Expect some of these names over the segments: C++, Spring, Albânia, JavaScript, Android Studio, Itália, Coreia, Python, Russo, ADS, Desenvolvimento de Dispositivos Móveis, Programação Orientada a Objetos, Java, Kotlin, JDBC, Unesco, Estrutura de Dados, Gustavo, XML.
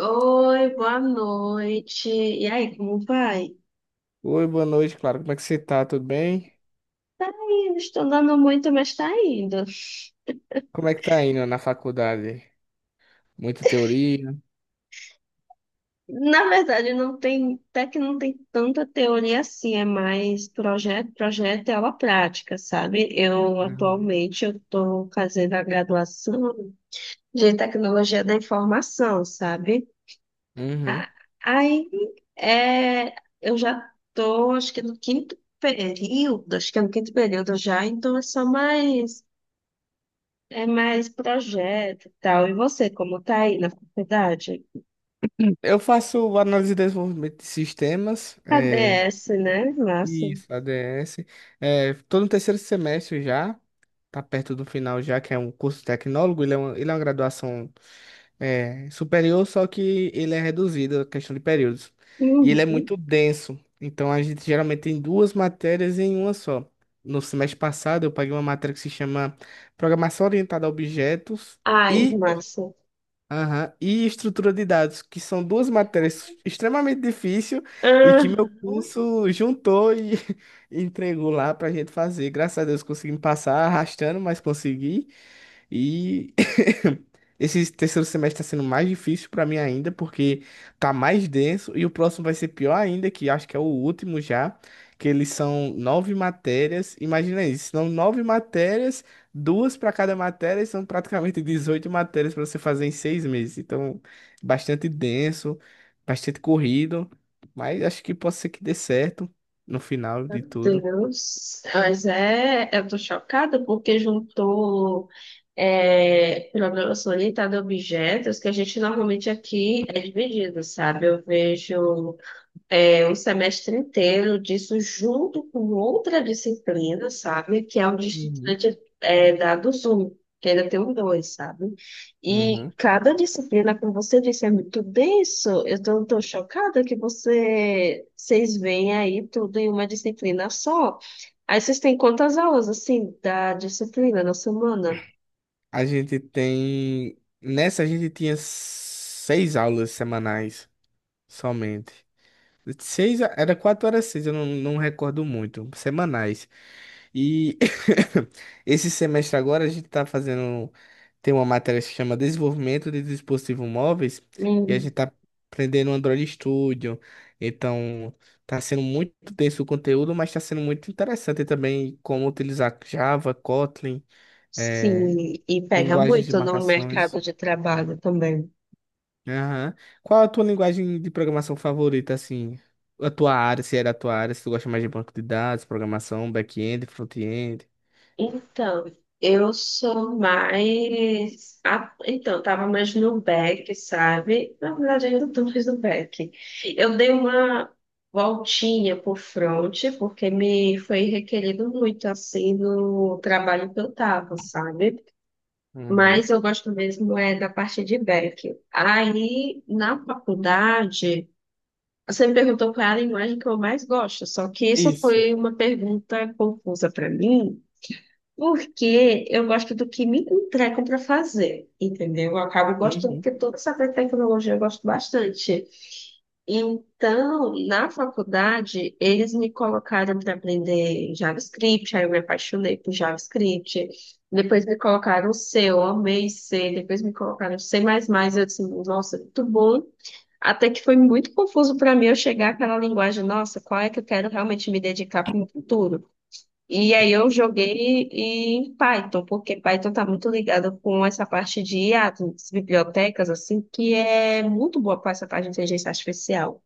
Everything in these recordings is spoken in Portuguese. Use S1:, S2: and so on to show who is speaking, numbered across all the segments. S1: Oi, boa noite. E aí, como vai?
S2: Oi, boa noite, claro. Como é que você tá? Tudo bem?
S1: Tá indo, estou andando muito, mas tá indo.
S2: Como é que tá indo na faculdade? Muita teoria?
S1: Na verdade, não tem, até que não tem tanta teoria assim, é mais projeto, projeto e aula prática, sabe? Eu
S2: Uhum.
S1: atualmente eu estou fazendo a graduação de tecnologia da informação, sabe?
S2: Uhum.
S1: A- Aí é, eu já estou, acho que no quinto período, acho que é no quinto período já, então é só mais. É mais projeto e tal. E você, como tá aí na faculdade?
S2: Eu faço análise de desenvolvimento de sistemas, é,
S1: ADS, né? Massa.
S2: isso, ADS. É, tô no terceiro semestre já, tá perto do final já, que é um curso tecnólogo, ele é uma graduação superior, só que ele é reduzido, a questão de períodos. E ele é
S1: Uhum.
S2: muito denso. Então a gente geralmente tem duas matérias em uma só. No semestre passado eu paguei uma matéria que se chama Programação Orientada a Objetos
S1: Ai,
S2: e,
S1: massa.
S2: aham, e Estrutura de Dados, que são duas matérias extremamente difíceis e
S1: Ah,
S2: que meu curso juntou e entregou lá pra gente fazer. Graças a Deus consegui me passar arrastando, mas consegui. E esse terceiro semestre está sendo mais difícil para mim ainda, porque tá mais denso, e o próximo vai ser pior ainda, que acho que é o último já, que eles são nove matérias. Imagina isso, são nove matérias, duas para cada matéria, e são praticamente 18 matérias para você fazer em 6 meses. Então, bastante denso, bastante corrido, mas acho que pode ser que dê certo no final de tudo.
S1: Deus. Mas é, eu tô chocada porque juntou programação orientada a objetos que a gente normalmente aqui é dividido, sabe? Eu vejo. Um semestre inteiro disso junto com outra disciplina, sabe? Que é o de
S2: Uhum.
S1: estudante da do Zoom, que ainda tem um dois, sabe? E
S2: Uhum.
S1: cada disciplina, como você disse, é muito denso. Eu tô chocada que você, vocês veem aí tudo em uma disciplina só. Aí vocês têm quantas aulas, assim, da disciplina na semana?
S2: A gente tem. Nessa a gente tinha seis aulas semanais somente. Seis, era 4 horas seis, eu não recordo muito. Semanais. E esse semestre agora a gente tá fazendo. Tem uma matéria que se chama Desenvolvimento de Dispositivos Móveis. E a
S1: Hum,
S2: gente tá aprendendo Android Studio. Então, tá sendo muito denso o conteúdo, mas tá sendo muito interessante também como utilizar Java, Kotlin. eh,
S1: sim, e pega
S2: Linguagens de
S1: muito no
S2: marcações.
S1: mercado de trabalho também.
S2: Aham. Qual a tua linguagem de programação favorita, assim? A tua área, se é da tua área, se tu gosta mais de banco de dados, programação, back-end, front-end.
S1: Então, eu sou mais. A- Então, tava mais no back, sabe? Na verdade, ainda tô mais no back. Eu dei uma voltinha por front, porque me foi requerido muito, assim, no trabalho que eu tava, sabe?
S2: Uhum.
S1: Mas eu gosto mesmo é da parte de back. Aí, na faculdade. Você me perguntou qual é a linguagem que eu mais gosto, só que isso
S2: Isso.
S1: foi uma pergunta confusa para mim, porque eu gosto do que me entregam para fazer, entendeu? Eu acabo gostando,
S2: Uhum.
S1: porque toda essa área de tecnologia eu gosto bastante. Então, na faculdade, eles me colocaram para aprender JavaScript, aí eu me apaixonei por JavaScript. Depois me colocaram C, eu amei C. Depois me colocaram C++, eu disse, nossa, muito bom. Até que foi muito confuso para mim eu chegar àquela linguagem, nossa, qual é que eu quero realmente me dedicar para o futuro? E aí eu joguei em Python, porque Python está muito ligado com essa parte de IA, das bibliotecas, assim, que é muito boa para essa parte de inteligência artificial,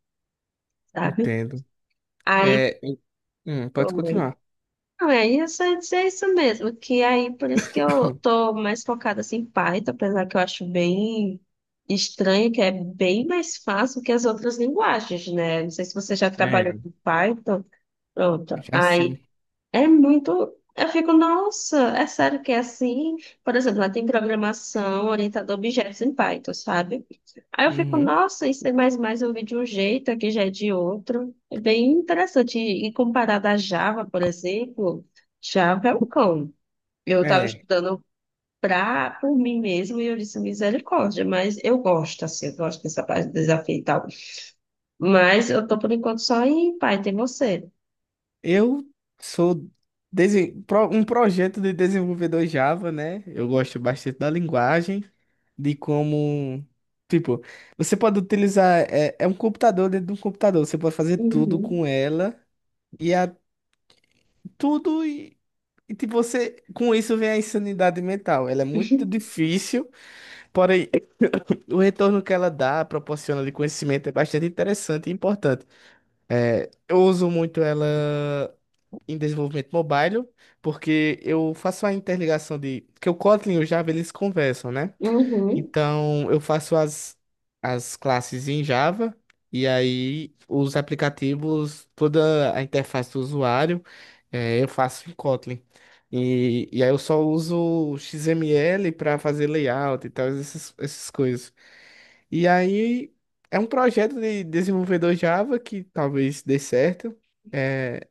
S1: sabe?
S2: Entendo.
S1: Aí
S2: É, pode
S1: foi.
S2: continuar.
S1: Não, é isso mesmo, que aí por isso que eu tô mais focada assim, em Python, apesar que eu acho bem estranho, que é bem mais fácil que as outras linguagens, né? Não sei se você já trabalhou
S2: É.
S1: com Python. Pronto,
S2: Já
S1: aí
S2: sim.
S1: é muito. Eu fico, nossa, é sério que é assim? Por exemplo, lá tem programação orientada a objetos em Python, sabe? Aí eu fico,
S2: Uhum.
S1: nossa, isso é mais eu vi de um jeito, aqui já é de outro. É bem interessante. E comparado à Java, por exemplo, Java é o cão. Eu estava
S2: É.
S1: estudando pra, por mim mesmo e eu disse misericórdia, mas eu gosto, assim, eu gosto dessa parte do desafio e tal. Mas eu tô por enquanto só em Python, e você?
S2: Eu sou um projeto de desenvolvedor Java, né? Eu gosto bastante da linguagem, de como. Tipo, você pode utilizar. É um computador dentro de um computador, você pode fazer tudo
S1: Uhum.
S2: com ela, e a, tudo. E tipo, você. Com isso vem a insanidade mental. Ela é muito difícil, porém, o retorno que ela dá, proporciona de conhecimento, é bastante interessante e importante. É, eu uso muito ela em desenvolvimento mobile, porque eu faço a interligação de... Porque o Kotlin e o Java, eles conversam, né?
S1: Uhum.
S2: Então, eu faço as classes em Java, e aí os aplicativos, toda a interface do usuário, eu faço em Kotlin. E aí eu só uso o XML para fazer layout e tal, essas coisas. E aí é um projeto de desenvolvedor Java que talvez dê certo. É,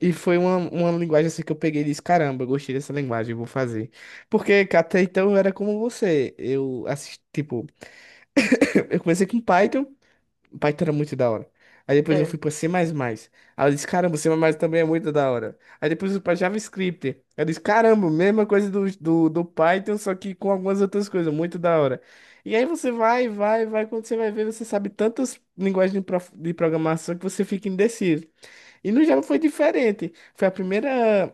S2: e foi uma linguagem assim que eu peguei e disse, caramba, eu gostei dessa linguagem, eu vou fazer. Porque até então eu era como você. Eu assisti, tipo, eu comecei com Python. Python era muito da hora. Aí depois eu fui pra C++. Aí eu disse, caramba, C++ também é muito da hora. Aí depois eu fui pra JavaScript. Aí eu disse, caramba, mesma coisa do Python, só que com algumas outras coisas, muito da hora. E aí você vai, vai, vai, quando você vai ver, você sabe tantas linguagens de programação que você fica indeciso. E no Java foi diferente. Foi a primeira.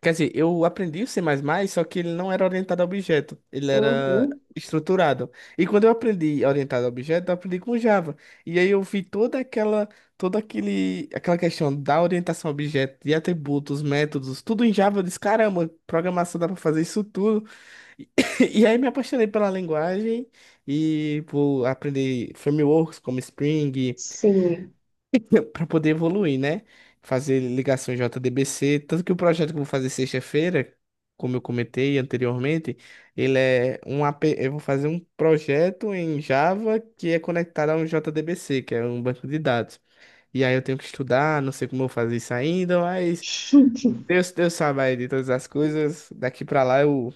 S2: Quer dizer, eu aprendi o C++, só que ele não era orientado a objeto, ele era
S1: Uhum,
S2: estruturado. E quando eu aprendi orientado a objeto, eu aprendi com Java. E aí eu vi toda aquela, aquela questão da orientação a objeto, de atributos, métodos, tudo em Java. Eu disse, caramba, programação dá para fazer isso tudo. E, e aí me apaixonei pela linguagem e por aprender frameworks como Spring,
S1: sim.
S2: para poder evoluir, né? Fazer ligações JDBC, tanto que o projeto que eu vou fazer sexta-feira, como eu comentei anteriormente, ele é um AP, eu vou fazer um projeto em Java que é conectado a um JDBC, que é um banco de dados. E aí eu tenho que estudar, não sei como eu vou fazer isso ainda, mas Deus, Deus sabe aí de todas as coisas, daqui para lá eu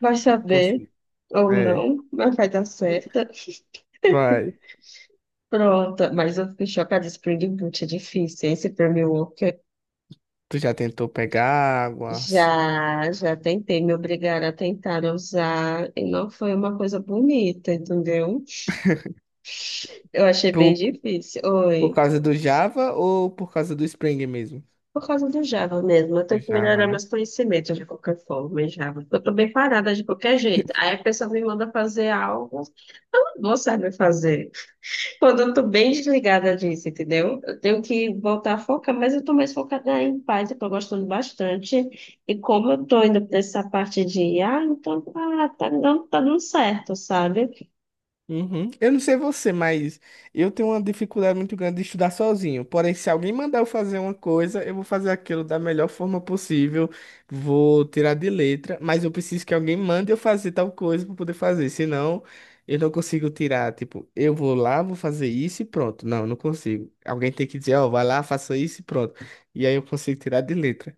S1: Vai saber
S2: consigo.
S1: ou
S2: É,
S1: não, mas vai dar certo.
S2: vai.
S1: Pronto, mas eu fiquei chocada. Spring Boot é difícil. Esse Framework
S2: Tu já tentou pegar águas
S1: já tentei, me obrigaram a tentar usar e não foi uma coisa bonita, entendeu? Eu achei bem
S2: por,
S1: difícil.
S2: por
S1: Oi.
S2: causa do Java ou por causa do Spring mesmo?
S1: Por causa do Java mesmo, eu
S2: Do
S1: tenho que
S2: Java,
S1: melhorar
S2: né?
S1: meus conhecimentos de qualquer forma em Java. Eu tô bem parada de qualquer jeito. Aí a pessoa me manda fazer algo, que eu não vou saber fazer. Quando eu tô bem desligada disso, entendeu? Eu tenho que voltar a focar, mas eu tô mais focada em paz, eu tô gostando bastante. E como eu tô indo pra essa parte de, ah, então tá dando certo, sabe?
S2: Uhum. Eu não sei você, mas eu tenho uma dificuldade muito grande de estudar sozinho. Porém, se alguém mandar eu fazer uma coisa, eu vou fazer aquilo da melhor forma possível, vou tirar de letra, mas eu preciso que alguém mande eu fazer tal coisa para poder fazer, senão eu não consigo tirar. Tipo, eu vou lá, vou fazer isso e pronto. Não, eu não consigo. Alguém tem que dizer, ó, vai lá, faça isso e pronto. E aí eu consigo tirar de letra.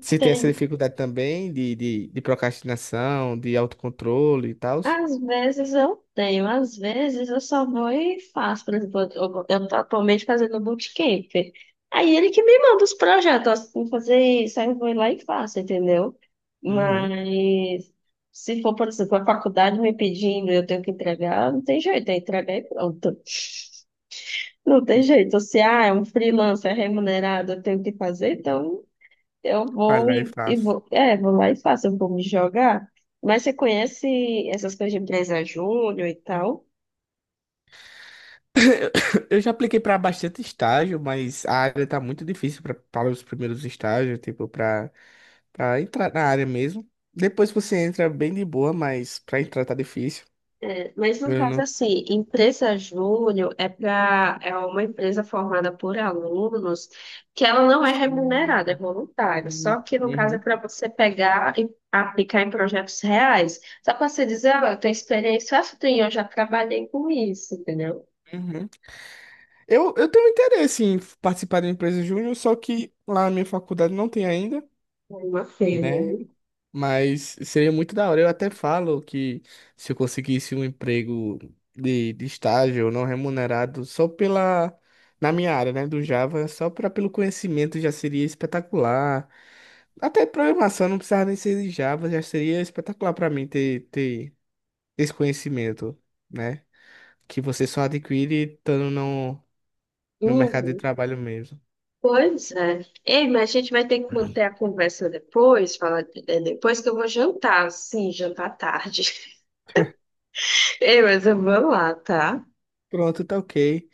S2: Você tem essa dificuldade também de procrastinação, de autocontrole e tal?
S1: Às vezes eu tenho, às vezes eu só vou e faço. Por exemplo, eu tô atualmente fazendo um bootcamp. Aí ele que me manda os projetos, ó, você tem que fazer isso, aí eu vou lá e faço, entendeu?
S2: Uhum.
S1: Mas se for, por exemplo, a faculdade me pedindo, e eu tenho que entregar, não tem jeito, é entregar e pronto. Não tem jeito. Se ah, é um freelancer remunerado, eu tenho que fazer, então eu
S2: Vai
S1: vou
S2: lá e
S1: e
S2: faça.
S1: vou. É, vou lá e faço, eu vou me jogar. Mas você conhece essas coisas de empresa júnior e tal?
S2: Eu já apliquei para bastante estágio, mas a área tá muito difícil para os primeiros estágios, tipo, para entrar na área mesmo. Depois você entra bem de boa, mas para entrar tá difícil.
S1: É, mas no
S2: Eu
S1: caso,
S2: não.
S1: assim, empresa júnior é para é uma empresa formada por alunos que ela não é remunerada, é
S2: Sim,
S1: voluntária.
S2: sim,
S1: Só que no caso é
S2: uhum,
S1: para você pegar e aplicar em projetos reais. Só para você dizer, ah, eu tenho experiência, ah, eu tenho, eu já trabalhei com isso, entendeu?
S2: uhum. Eu tenho interesse em participar da empresa júnior, só que lá na minha faculdade não tem ainda,
S1: É uma feira
S2: né?
S1: aí.
S2: Mas seria muito da hora. Eu até falo que se eu conseguisse um emprego de estágio não remunerado, só pela. Na minha área, né, do Java, só pelo conhecimento já seria espetacular. Até programação não precisava nem ser de Java, já seria espetacular pra mim ter esse conhecimento, né? Que você só adquire estando no mercado de trabalho mesmo.
S1: Pois é. Ei, mas a gente vai ter que manter a conversa depois, falar é, depois que eu vou jantar. Sim, jantar tarde. Ei, mas eu
S2: Pronto,
S1: vou lá, tá?
S2: pronto, tá OK.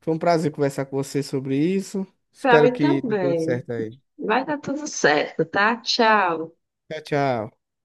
S2: Foi um prazer conversar com você sobre isso.
S1: Pra
S2: Espero
S1: mim
S2: que dê tudo
S1: também.
S2: certo aí.
S1: Vai dar tudo certo, tá? Tchau.
S2: Tchau, tchau.